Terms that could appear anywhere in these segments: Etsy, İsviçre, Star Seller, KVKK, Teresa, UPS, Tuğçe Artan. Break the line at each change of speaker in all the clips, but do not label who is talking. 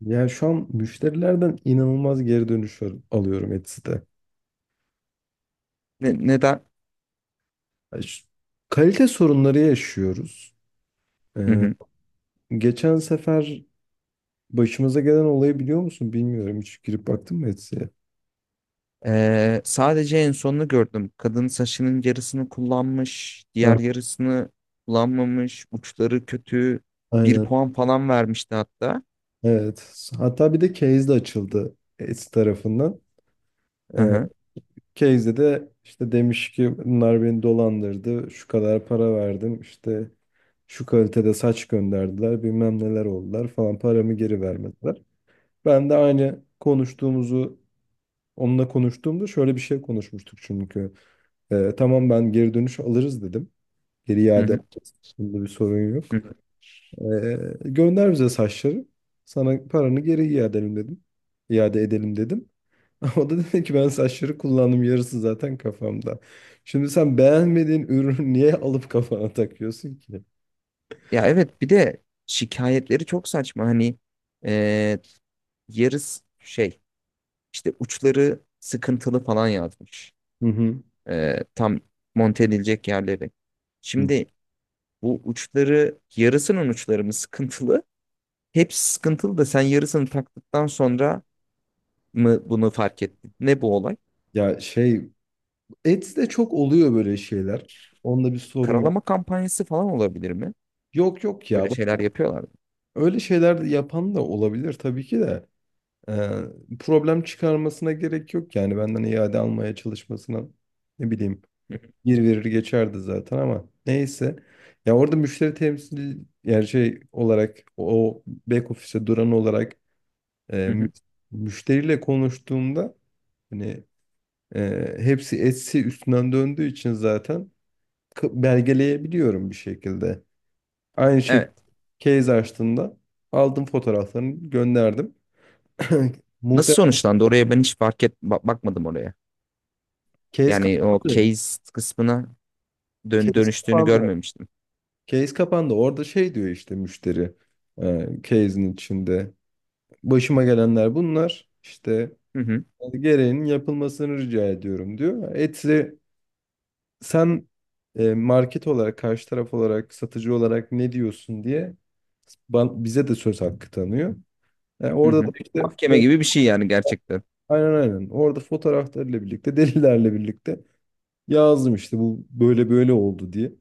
Ya şu an müşterilerden inanılmaz geri dönüş alıyorum Etsy'de.
Neden?
Ya şu- kalite sorunları yaşıyoruz.
Hı
Ee,
hı.
geçen sefer başımıza gelen olayı biliyor musun? Bilmiyorum. Hiç girip baktın mı Etsy'ye?
Sadece en sonunu gördüm. Kadın saçının yarısını kullanmış, diğer
Ha,
yarısını kullanmamış, uçları kötü. Bir
aynen.
puan falan vermişti hatta.
Evet. Hatta bir de case de açıldı Etsy tarafından.
Hı
Ee,
hı.
case'de de işte demiş ki bunlar beni dolandırdı. Şu kadar para verdim. İşte şu kalitede saç gönderdiler. Bilmem neler oldular falan. Paramı geri vermediler. Ben de aynı konuştuğumuzu onunla konuştuğumda şöyle bir şey konuşmuştuk çünkü. Tamam ben geri dönüş alırız dedim. Geri
Hı
iade
hı.
alırız. Bunda bir sorun
Hı
yok.
hı.
Gönder bize saçları. Sana paranı geri iade edelim dedim. İade edelim dedim. O da dedi ki ben saçları kullandım, yarısı zaten kafamda. Şimdi sen beğenmediğin ürünü niye alıp kafana takıyorsun ki?
Ya evet, bir de şikayetleri çok saçma. Hani ee, yarısı işte uçları sıkıntılı falan yazmış.
Hı hı.
Tam monte edilecek yerleri.
Hı.
Şimdi bu uçları yarısının uçları mı sıkıntılı? Hepsi sıkıntılı da sen yarısını taktıktan sonra mı bunu fark ettin? Ne bu olay?
Ya şey, Ets'te çok oluyor böyle şeyler. Onda bir sorun yok.
Karalama kampanyası falan olabilir mi?
Yok yok ya.
Öyle şeyler yapıyorlar mı?
Öyle şeyler de yapan da olabilir tabii ki de. Problem çıkarmasına gerek yok, yani benden iade almaya çalışmasına, ne bileyim,
Hı hı,
bir verir geçerdi zaten ama neyse. Ya orada müşteri temsil yani şey olarak, o back office'e duran olarak, e,
hı
mü-
hı.
müşteriyle konuştuğumda hani hepsi etsi üstünden döndüğü için zaten belgeleyebiliyorum bir şekilde. Aynı şey,
Evet.
case açtığında aldım fotoğraflarını gönderdim.
Nasıl
Muhtemelen
sonuçlandı? Oraya ben hiç bakmadım oraya.
case
Yani o
kapandı.
case kısmına
Case
dönüştüğünü
kapandı.
görmemiştim.
Case kapandı. Orada şey diyor, işte müşteri case'in içinde. Başıma gelenler bunlar. İşte
Hı hı,
gereğinin yapılmasını rica ediyorum diyor. Etse sen, market olarak, karşı taraf olarak, satıcı olarak ne diyorsun diye bize de söz hakkı tanıyor. Yani
hı
orada da
hı.
işte
Mahkeme
foto-,
gibi bir şey yani gerçekten.
aynen, aynen. Orada fotoğraflarıyla birlikte, delillerle birlikte yazdım işte bu böyle böyle oldu diye.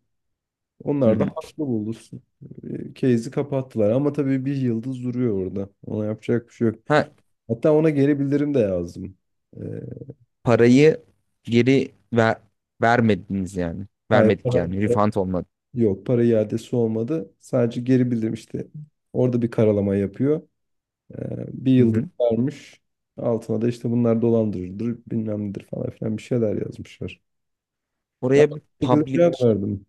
Hı
Onlar da
hı.
haklı bulursun. E, case'i kapattılar ama tabii bir yıldız duruyor orada. Ona yapacak bir şey yok.
Ha,
Hatta ona geri bildirim de yazdım. Ee,
parayı geri ver vermediniz yani.
hayır
Vermedik
para,
yani. Refund olmadı.
yok, para iadesi olmadı. Sadece geri bildirim işte. Orada bir karalama yapıyor. Bir
Hı
yıldız
hı.
vermiş. Altına da işte bunlar dolandırıcıdır bilmem nedir falan filan bir şeyler yazmışlar. Ben de
Oraya bir
aynı şekilde cevap
public
verdim.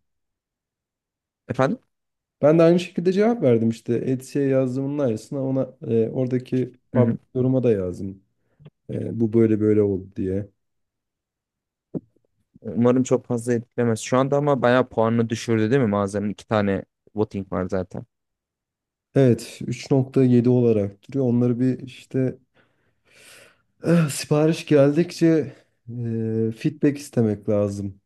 efendim?
Ben de aynı şekilde cevap verdim işte. Etsy'ye yazdığımın aynısını ona, oradaki
Hı
public
hı.
yoruma da yazdım. E, bu böyle böyle oldu diye.
Umarım çok fazla etkilemez şu anda, ama bayağı puanını düşürdü değil mi mağazanın? İki tane voting var zaten.
Evet, 3.7 olarak duruyor. Onları bir işte sipariş geldikçe feedback istemek lazım.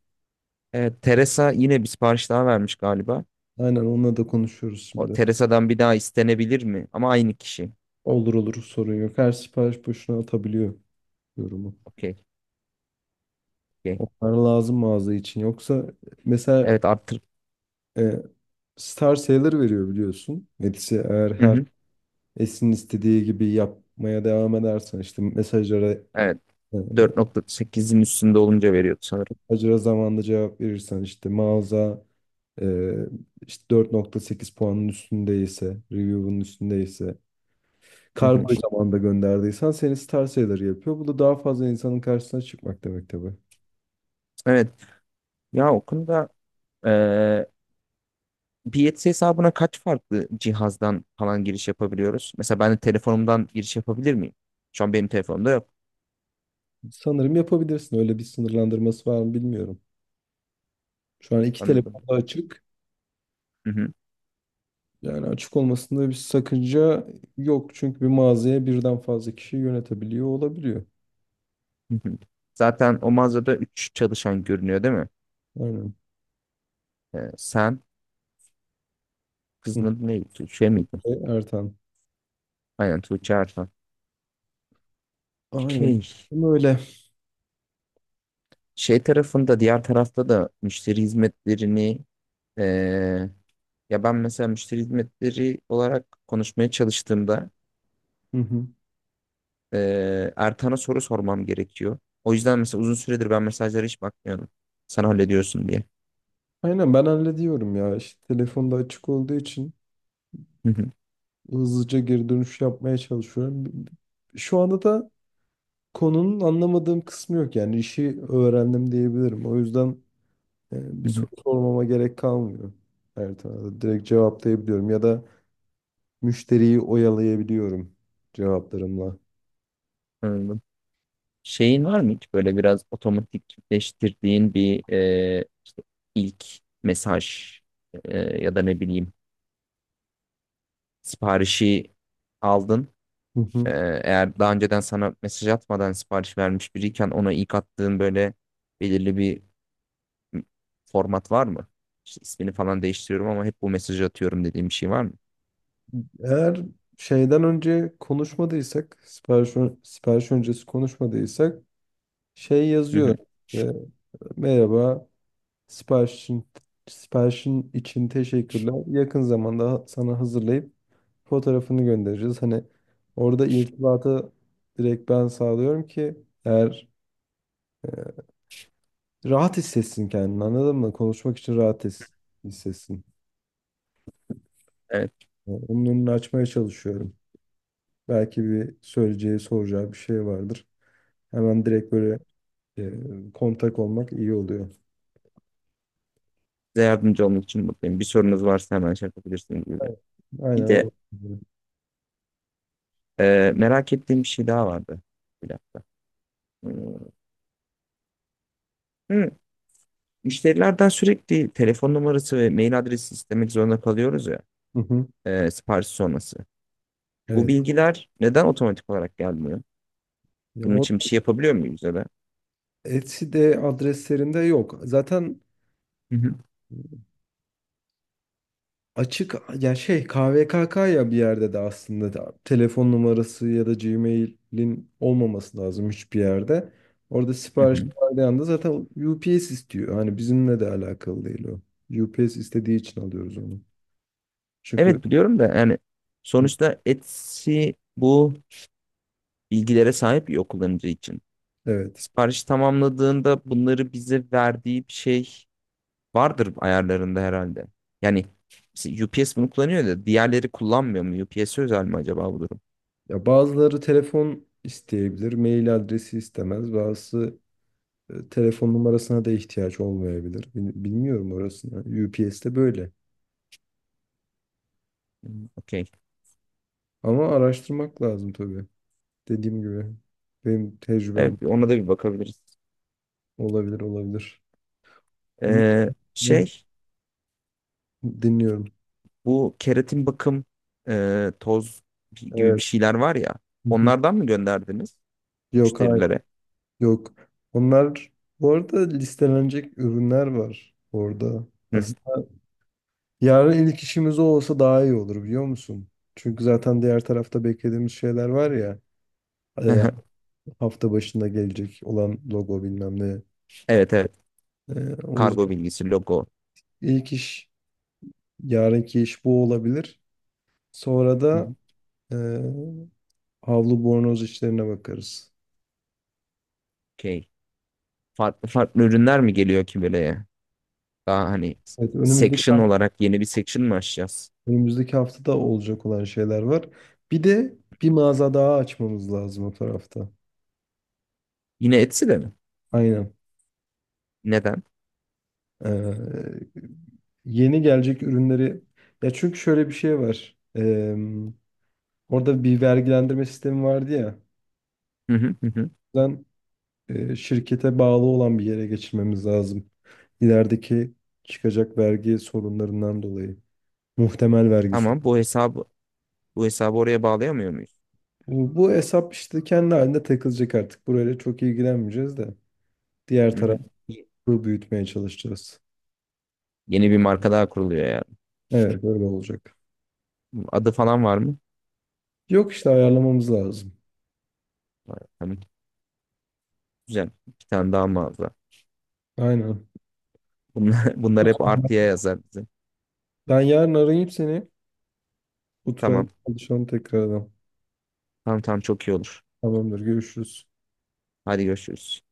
Evet, Teresa yine bir sipariş daha vermiş galiba.
Aynen, onunla da konuşuyoruz
O
şimdi.
Teresa'dan bir daha istenebilir mi? Ama aynı kişi.
Olur olur, sorun yok. Her sipariş boşuna atabiliyor yorumu.
Okey, okey.
Onlar lazım mağaza için. Yoksa mesela,
Evet, arttır.
e, Star Sailor veriyor biliyorsun. Metis'e, eğer
Hı
her
hı.
Esin'in istediği gibi yapmaya devam edersen, işte mesajlara
Evet.
e,
4.8'in üstünde olunca veriyordu sanırım.
acıra zamanında cevap verirsen, işte mağaza, Ee, işte 4.8 puanın üstündeyse, review'un üstündeyse,
Hı hı.
kargoyu zamanında gönderdiysen seni star seller yapıyor. Bu da daha fazla insanın karşısına çıkmak demek tabii.
Evet. Ya o konuda eee Biyetsi hesabına kaç farklı cihazdan falan giriş yapabiliyoruz? Mesela ben de telefonumdan giriş yapabilir miyim? Şu an benim telefonumda yok.
Sanırım yapabilirsin. Öyle bir sınırlandırması var mı bilmiyorum. Şu an iki
Anladım.
telefonda açık. Yani açık olmasında bir sakınca yok. Çünkü bir mağazaya birden fazla kişi yönetebiliyor olabiliyor.
Hı hı. Zaten o mağazada 3 çalışan görünüyor değil mi?
Aynen.
Sen
Hı.
Kızın adı neydi? Tuğçe miydi?
E, Ertan.
Aynen, Tuğçe Artan.
Aynen.
Şey,
Ama öyle.
şey tarafında, diğer tarafta da müşteri hizmetlerini, ee, ya ben mesela müşteri hizmetleri olarak konuşmaya çalıştığımda
Hı hı.
Ertan'a soru sormam gerekiyor. O yüzden mesela uzun süredir ben mesajlara hiç bakmıyordum. Sen hallediyorsun diye.
Aynen ben hallediyorum ya. İşte telefonda açık olduğu için
Hı hı,
hızlıca geri dönüş yapmaya çalışıyorum. Şu anda da konunun anlamadığım kısmı yok. Yani işi öğrendim diyebilirim. O yüzden bir
hı hı.
soru sormama gerek kalmıyor. Her tarafa direkt cevaplayabiliyorum ya da müşteriyi oyalayabiliyorum cevaplarımla.
Anladım. Şeyin var mı hiç böyle biraz otomatikleştirdiğin bir ilk mesaj, e, ya da ne bileyim, siparişi aldın.
Hı hı.
E, Eğer daha önceden sana mesaj atmadan sipariş vermiş biriyken, ona ilk attığın böyle belirli bir format var mı? İşte ismini falan değiştiriyorum ama hep bu mesajı atıyorum dediğim bir şey var mı?
Eğer şeyden önce konuşmadıysak, sipariş, sipariş öncesi konuşmadıysak şey
Hı
yazıyor.
hı.
E, merhaba. Siparişin, siparişin için teşekkürler. Yakın zamanda sana hazırlayıp fotoğrafını göndereceğiz. Hani orada irtibatı direkt ben sağlıyorum ki, eğer e, rahat hissetsin kendini, anladın mı? Konuşmak için hissetsin.
Evet,
Yani onun önünü açmaya çalışıyorum. Belki bir söyleyeceği, soracağı bir şey vardır. Hemen direkt böyle kontak olmak iyi oluyor.
size yardımcı olmak için mutluyum. Bir sorunuz varsa hemen şey yapabilirsiniz gibi. Bir
Aynen
de
o.
merak ettiğim bir şey daha vardı. Bir dakika. Hmm. Hı, müşterilerden sürekli telefon numarası ve mail adresi istemek zorunda kalıyoruz ya.
Hı hı.
Sipariş sonrası. Bu
Evet.
bilgiler neden otomatik olarak gelmiyor?
Ya
Bunun
or,
için bir şey yapabiliyor muyuz ya da?
Etsy'de adreslerinde yok. Zaten
Hı hı,
açık ya şey, KVKK, ya bir yerde de aslında da telefon numarası ya da Gmail'in olmaması lazım hiçbir yerde. Orada
hı
sipariş
hı.
verdiği anda zaten UPS istiyor. Hani bizimle de alakalı değil o. UPS istediği için alıyoruz onu. Çünkü
Evet biliyorum da, yani
hı,
sonuçta Etsy bu bilgilere sahip bir kullanıcı için.
evet.
Sipariş tamamladığında bunları bize verdiği bir şey vardır ayarlarında herhalde. Yani mesela UPS bunu kullanıyor da diğerleri kullanmıyor mu? UPS özel mi acaba bu durum?
Ya bazıları telefon isteyebilir, mail adresi istemez. Bazısı telefon numarasına da ihtiyaç olmayabilir. Bilmiyorum orasını. UPS'te böyle.
Hmm, okey.
Ama araştırmak lazım tabii. Dediğim gibi benim tecrübem,
Evet, ona da bir bakabiliriz.
olabilir olabilir. Bunu
Ee,
da
şey
dinliyorum.
Bu keratin bakım, toz gibi bir
Evet.
şeyler var ya.
Hı hı.
Onlardan mı gönderdiniz
Yok, hayır.
müşterilere?
Yok. Onlar bu arada listelenecek ürünler var orada.
Hı hı.
Aslında yarın ilk işimiz o olsa daha iyi olur biliyor musun? Çünkü zaten diğer tarafta beklediğimiz şeyler var ya, e, hafta başında gelecek olan logo bilmem ne.
Evet evet.
E, o
Kargo
yüzden
bilgisi, logo.
ilk iş, yarınki iş bu olabilir. Sonra
Hı
da
hı.
e, havlu bornoz işlerine bakarız.
Okey. Farklı farklı ürünler mi geliyor ki böyle? Daha hani
Evet, önümüzdeki
section olarak yeni bir section mı açacağız?
önümüzdeki haftada olacak olan şeyler var. Bir de bir mağaza daha açmamız lazım o tarafta.
Yine Etsy'de mi?
Aynen.
Neden?
Ee, yeni gelecek ürünleri, ya çünkü şöyle bir şey var. Orada bir vergilendirme sistemi vardı ya.
Hı hı hı, hı.
Ben, şirkete bağlı olan bir yere geçirmemiz lazım. İlerideki çıkacak vergi sorunlarından dolayı. Muhtemel vergi
Tamam,
sorunlarından.
bu hesabı oraya bağlayamıyor muyuz?
Bu hesap işte kendi halinde takılacak artık. Burayla çok ilgilenmeyeceğiz de. Diğer
Hı hı.
tarafı
Y-
büyütmeye çalışacağız.
Yeni bir marka daha kuruluyor yani.
Evet böyle olacak.
Adı falan var mı?
Yok işte ayarlamamız lazım.
Var. Tamam. Güzel. Bir tane daha mağaza.
Aynen.
Bunlar,
O
bunlar hep
zaman
artıya yazar bize.
ben yarın arayayım seni. Oturalım
Tamam.
konuşalım tekrardan.
Tamam tamam, çok iyi olur.
Tamamdır, görüşürüz.
Hadi görüşürüz.